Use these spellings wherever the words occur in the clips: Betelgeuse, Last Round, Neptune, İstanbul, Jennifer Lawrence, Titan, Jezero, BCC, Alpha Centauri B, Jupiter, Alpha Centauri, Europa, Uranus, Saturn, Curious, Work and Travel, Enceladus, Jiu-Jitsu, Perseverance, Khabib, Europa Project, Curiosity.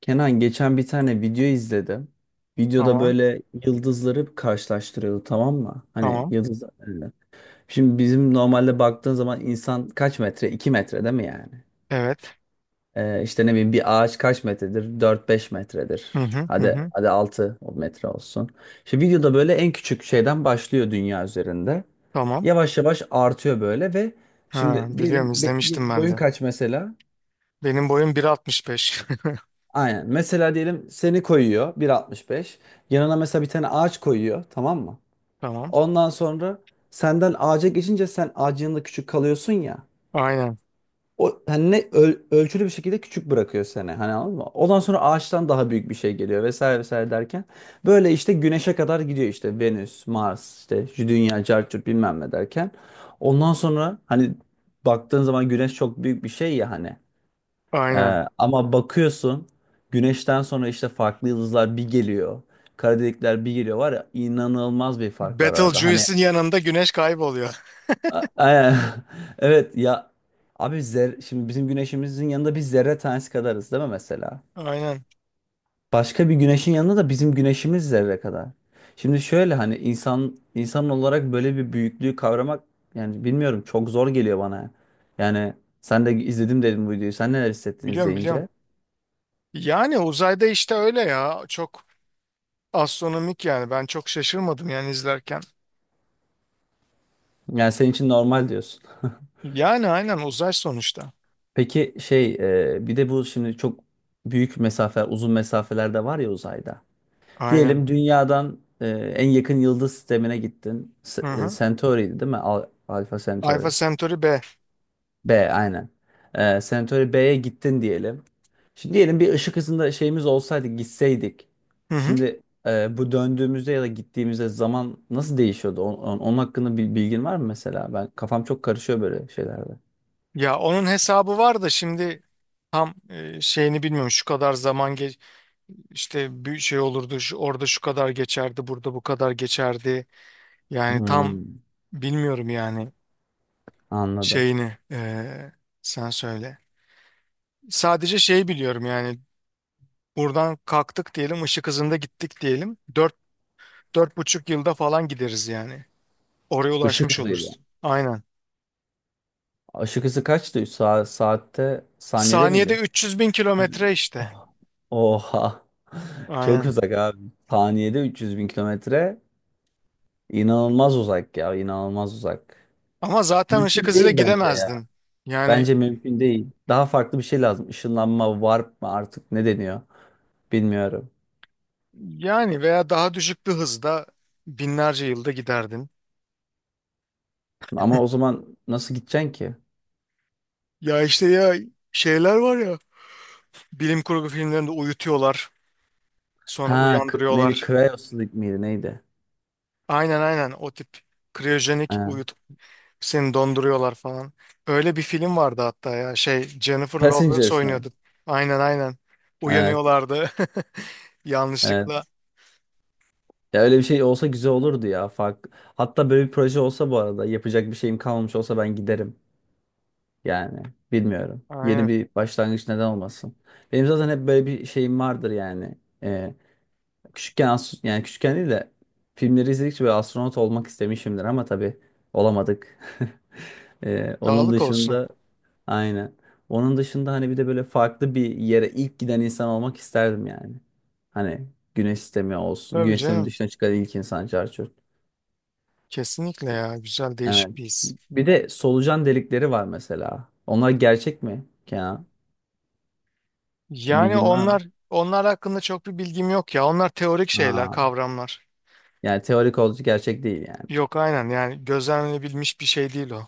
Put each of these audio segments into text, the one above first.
Kenan geçen bir tane video izledim. Videoda Tamam. böyle yıldızları karşılaştırıyordu, tamam mı? Hani Tamam. yıldızlar. Evet. Şimdi bizim normalde baktığın zaman insan kaç metre? 2 metre değil mi yani? Evet. İşte ne bileyim bir ağaç kaç metredir? 4 5 metredir. Hı hı hı Hadi hı. hadi 6 metre olsun. İşte videoda böyle en küçük şeyden başlıyor dünya üzerinde. Tamam. Yavaş yavaş artıyor böyle. Ve Ha, şimdi diyelim biliyorum izlemiştim ben boyun de. kaç mesela? Benim boyum 1,65. Aynen. Mesela diyelim seni koyuyor 1,65. Yanına mesela bir tane ağaç koyuyor, tamam mı? Tamam. Ondan sonra senden ağaca geçince sen ağacın yanında küçük kalıyorsun ya. Aynen. O hani ne, ölçülü bir şekilde küçük bırakıyor seni. Hani anladın mı? Ondan sonra ağaçtan daha büyük bir şey geliyor, vesaire vesaire derken böyle işte güneşe kadar gidiyor, işte Venüs, Mars, işte Dünya, Carçurt bilmem ne derken. Ondan sonra hani baktığın zaman güneş çok büyük bir şey ya hani. Aynen. Ama bakıyorsun güneşten sonra işte farklı yıldızlar bir geliyor. Kara delikler bir geliyor, var ya inanılmaz bir fark var arada. Hani Betelgeuse'in yanında güneş kayboluyor. a- a- evet ya abi şimdi bizim güneşimizin yanında biz zerre tanesi kadarız değil mi mesela? Aynen. Başka bir güneşin yanında da bizim güneşimiz zerre kadar. Şimdi şöyle hani insan olarak böyle bir büyüklüğü kavramak, yani bilmiyorum, çok zor geliyor bana. Yani sen de izledim dedim bu videoyu. Sen neler hissettin Biliyorum, biliyorum. izleyince? Yani uzayda işte öyle ya. Çok astronomik yani. Ben çok şaşırmadım yani izlerken. Yani senin için normal diyorsun. Yani aynen, uzay sonuçta. Peki şey, bir de bu şimdi çok büyük mesafe, uzun mesafeler de var ya uzayda. Aynen. Diyelim dünyadan en yakın yıldız sistemine gittin. Hı hı. Centauri'ydi değil mi? Alpha Centauri. Alpha Centauri B. B aynen. Centauri B'ye gittin diyelim. Şimdi diyelim bir ışık hızında şeyimiz olsaydı, gitseydik. Hı hı. Şimdi bu döndüğümüzde ya da gittiğimizde zaman nasıl değişiyordu? Onun hakkında bir bilgin var mı mesela? Ben kafam çok karışıyor böyle şeylerde. Ya onun hesabı var da şimdi tam şeyini bilmiyorum. Şu kadar zaman geç İşte bir şey olurdu şu, orada şu kadar geçerdi, burada bu kadar geçerdi. Yani tam Hmm, bilmiyorum yani anladım. şeyini, sen söyle. Sadece şey biliyorum yani buradan kalktık diyelim, ışık hızında gittik diyelim. 4,5 yılda falan gideriz yani. Oraya Işık ulaşmış hızıydı. oluruz. Aynen. Işık hızı kaçtı? Üç saatte, saniyede Saniyede miydi? 300 bin Yüz- kilometre işte. Oh. Oha. Çok Aynen. uzak abi. Saniyede 300 bin kilometre. İnanılmaz uzak ya. İnanılmaz uzak. Ama zaten ışık Mümkün hızıyla değil bence ya. gidemezdin. Yani Bence mümkün değil. Daha farklı bir şey lazım. Işınlanma, warp mı artık ne deniyor? Bilmiyorum. yani veya daha düşük bir hızda binlerce yılda giderdin. Ama o zaman nasıl gideceksin ki? Ya işte ya, şeyler var ya bilim kurgu filmlerinde, uyutuyorlar sonra Ha, neydi? uyandırıyorlar. Cryosleep miydi? Neydi? Aynen, aynen, o tip kriyojenik Ha. uyutup seni donduruyorlar falan. Öyle bir film vardı hatta ya, şey Jennifer Lawrence Passengers mi? oynuyordu. Aynen, aynen, Evet, uyanıyorlardı evet. yanlışlıkla. Ya öyle bir şey olsa güzel olurdu ya. Fark... Hatta böyle bir proje olsa, bu arada yapacak bir şeyim kalmamış olsa, ben giderim. Yani bilmiyorum. Yeni Aynen, bir başlangıç, neden olmasın. Benim zaten hep böyle bir şeyim vardır yani. Küçükken, yani küçükken değil de, filmleri izledikçe böyle astronot olmak istemişimdir, ama tabii olamadık. Onun sağlık olsun. dışında aynen. Onun dışında hani bir de böyle farklı bir yere ilk giden insan olmak isterdim yani. Hani güneş sistemi olsun. Tabii Güneş sisteminin canım, dışına çıkan ilk insan, çarçur. kesinlikle ya, güzel Evet. değişik bir his. Bir de solucan delikleri var mesela. Onlar gerçek mi Kenan? Yani Bilgin var mı? onlar hakkında çok bir bilgim yok ya, onlar teorik şeyler, Aa, kavramlar. yani teorik olduğu, gerçek değil yani. Yok, aynen, yani gözlemlenebilmiş bir şey değil o.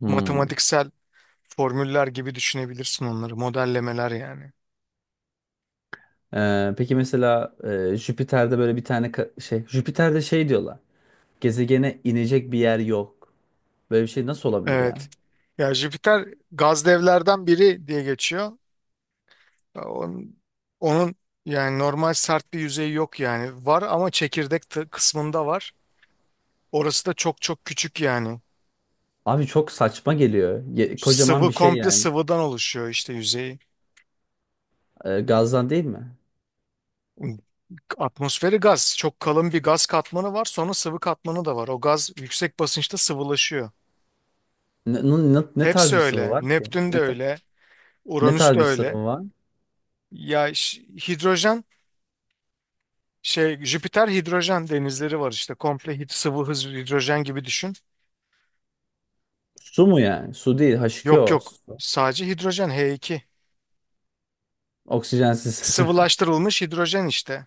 Hmm. Matematiksel formüller gibi düşünebilirsin onları. Modellemeler yani. Peki mesela Jüpiter'de böyle bir tane şey, Jüpiter'de şey diyorlar. Gezegene inecek bir yer yok. Böyle bir şey nasıl olabilir Evet. ya? Ya, Jüpiter gaz devlerden biri diye geçiyor. Onun, onun yani, normal sert bir yüzeyi yok yani. Var ama çekirdek kısmında var. Orası da çok çok küçük yani. Abi çok saçma geliyor. Kocaman bir Sıvı, şey komple yani. sıvıdan oluşuyor işte yüzeyi. Gazdan değil mi? Atmosferi gaz. Çok kalın bir gaz katmanı var. Sonra sıvı katmanı da var. O gaz yüksek basınçta sıvılaşıyor. Ne, ne tarz Hepsi bir sıvı öyle. var ki? Neptün de öyle. Ne Uranüs tarz de bir öyle. sıvı var? Ya, hidrojen, şey, Jüpiter hidrojen denizleri var işte. Komple sıvı, hidrojen gibi düşün. Su mu yani? Su değil, Yok, H2O. yok. Su. Sadece hidrojen H2. Oksijensiz. Sıvılaştırılmış hidrojen işte.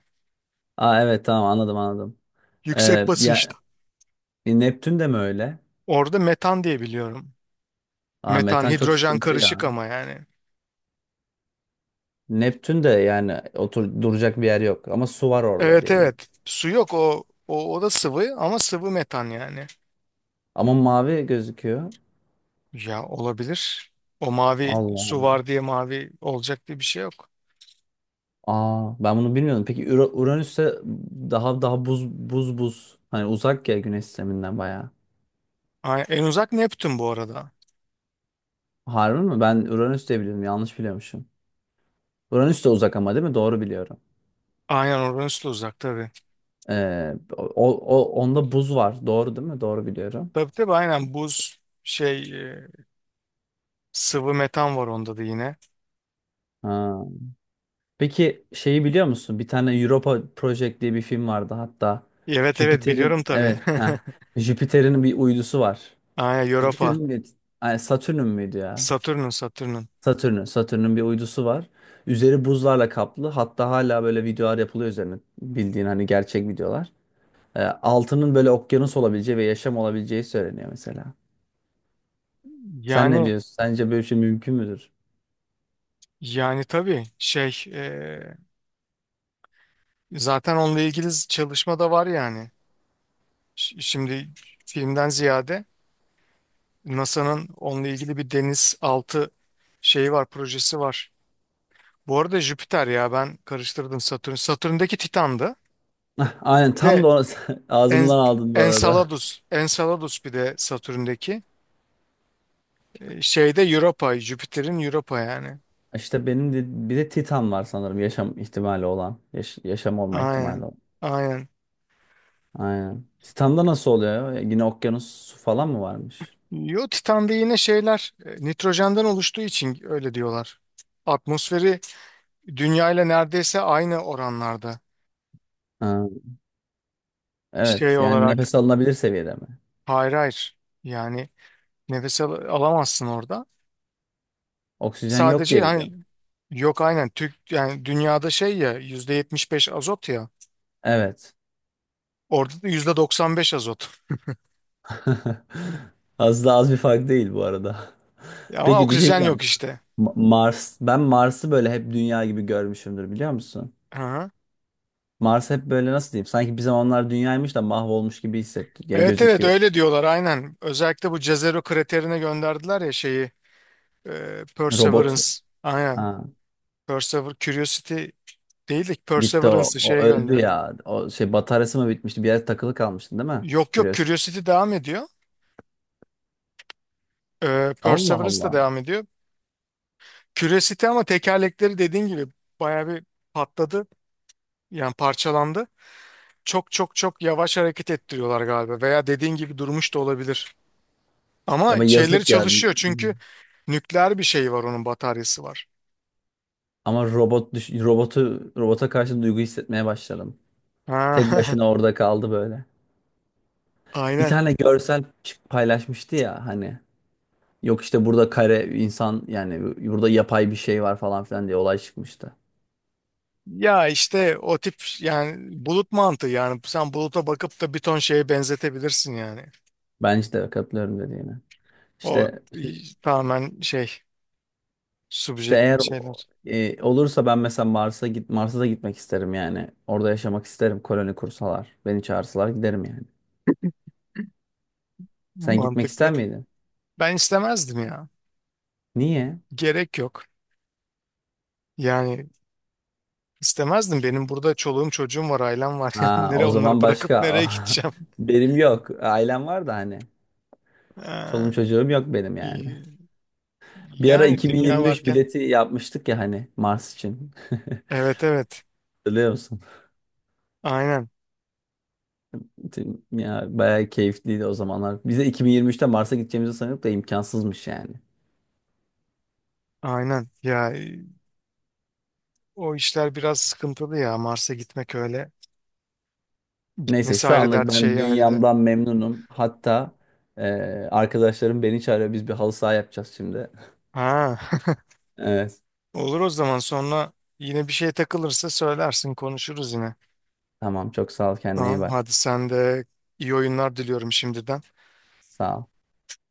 Aa evet, tamam, anladım anladım. Yüksek Ee, basınçta. ya e, Neptün de mi öyle? Orada metan diye biliyorum. Aa, Metan metan çok hidrojen sıkıntı ya. karışık ama yani. Neptün de yani otur duracak bir yer yok, ama su var orada Evet, diye biliyorum. evet. Su yok, o da sıvı, ama sıvı metan yani. Ama mavi gözüküyor. Ya, olabilir. O, mavi Allah su Allah. var diye mavi olacak diye bir şey yok. Aa, ben bunu bilmiyordum. Peki Uranüs'te daha daha buz buz buz. Hani uzak ya güneş sisteminden bayağı. En uzak Neptün bu arada. Harbi mi? Ben Uranüs diye biliyordum. Yanlış biliyormuşum. Uranüs de uzak ama, değil mi? Doğru biliyorum. Aynen, Uranüs de uzak tabii. Ee, o, onda buz var. Doğru değil mi? Doğru biliyorum. Tabii, tabii, aynen buz, şey sıvı metan var onda da yine. Ha. Peki şeyi biliyor musun? Bir tane Europa Project diye bir film vardı hatta. Evet, evet, biliyorum Jüpiter'in, tabii. evet, ha, Jüpiter'in bir uydusu var. Aynen, Europa. Jüpiter'in bir, ay, Satürn'ün müydü ya? Satürn'ün, Satürn'ün. Satürn'ün bir uydusu var. Üzeri buzlarla kaplı. Hatta hala böyle videolar yapılıyor üzerine. Bildiğin hani, gerçek videolar. Altının böyle okyanus olabileceği ve yaşam olabileceği söyleniyor mesela. Sen ne Yani diyorsun? Sence böyle bir şey mümkün müdür? yani tabii, şey zaten onunla ilgili çalışma da var yani. Şimdi, filmden ziyade, NASA'nın onunla ilgili bir deniz altı şeyi var, projesi var. Bu arada Jüpiter, ya ben karıştırdım, Satürn. Satürn'deki Titan'dı. Ah, aynen, Bir tam da de En, ağzımdan aldın bu arada. Enceladus. Enceladus bir de Satürn'deki. Şeyde Europa. Jüpiter'in, Europa yani. İşte benim de, bir de Titan var sanırım, yaşam ihtimali olan. Yaşam olma ihtimali Aynen. olan. Aynen. Aynen. Titan'da nasıl oluyor ya? Yine okyanus, su falan mı varmış? Yo, Titan'da yine şeyler nitrojenden oluştuğu için öyle diyorlar. Atmosferi Dünya ile neredeyse aynı oranlarda. Ha, Şey evet. Yani olarak nefes alınabilir seviyede mi? hayır, hayır. Yani nefes alamazsın orada. Oksijen yok Sadece diye hani biliyorum. yok, aynen Türk yani dünyada şey ya, %75 azot ya. Evet. Orada da %95 azot. Az da az bir fark değil bu arada. Ya ama Peki, bir şey oksijen yok diyeceğim. işte. Mars, ben Mars'ı böyle hep dünya gibi görmüşümdür, biliyor musun? Aha. Mars hep böyle, nasıl diyeyim, sanki bir zamanlar dünyaymış da mahvolmuş gibi hissettiriyor, Evet, evet, gözüküyor. öyle diyorlar aynen. Özellikle bu Jezero kraterine gönderdiler ya şeyi, Perseverance. Robot. Aynen. Ha. Curiosity değil de Gitti o. Perseverance'ı O şeye öldü gönderdiler. ya. O şey, bataryası mı bitmişti? Bir yer takılı kalmıştı değil mi? Yok, yok, Curious. Curiosity devam ediyor. Allah Perseverance da Allah. devam ediyor. Curiosity ama tekerlekleri, dediğin gibi, baya bir patladı. Yani parçalandı. Çok çok çok yavaş hareket ettiriyorlar galiba, veya dediğin gibi durmuş da olabilir. Ya Ama ama şeyleri yazık ya. çalışıyor, çünkü nükleer bir şey var, onun bataryası var. Ama robot düş robota karşı duygu hissetmeye başladım. Ha. Tek başına orada kaldı böyle. Bir Aynen. tane görsel paylaşmıştı ya hani. Yok işte burada kare insan yani, burada yapay bir şey var falan filan diye olay çıkmıştı. Ya işte o tip yani bulut mantığı, yani sen buluta bakıp da bir ton şeye benzetebilirsin yani. Bence de katılıyorum dediğine. O İşte tamamen İşte subjektif eğer şeyler. Olursa, ben mesela Mars'a da gitmek isterim yani. Orada yaşamak isterim, koloni kursalar. Beni çağırsalar giderim yani. Sen gitmek Mantıklı. ister miydin? Ben istemezdim ya. Niye? Gerek yok. Yani istemezdim. Benim burada çoluğum çocuğum var, ailem var. Yani Ha, nereye o onları zaman bırakıp nereye başka. gideceğim? Benim yok. Ailem var da hani. Çoluğum Ha, çocuğum yok benim yani. i- Bir ara yani dünya 2023 varken. bileti yapmıştık ya hani, Mars için. Evet, evet. Biliyor musun? Aynen. Ya bayağı keyifliydi o zamanlar. Bize 2023'te Mars'a gideceğimizi sanıyorduk da, imkansızmış yani. Aynen. Ya, o işler biraz sıkıntılı ya. Mars'a gitmek öyle. Neyse Nesi şu ayrı dert, anlık ayrı. ben Şeyi ayrı dert. dünyamdan memnunum. Hatta e, arkadaşlarım beni çağırıyor. Biz bir halı saha yapacağız şimdi. Ha. Evet. Olur o zaman, sonra yine bir şey takılırsa söylersin, konuşuruz yine. Tamam, çok sağ ol, kendine iyi Tamam, bak. hadi sen de, iyi oyunlar diliyorum şimdiden. Sağ ol.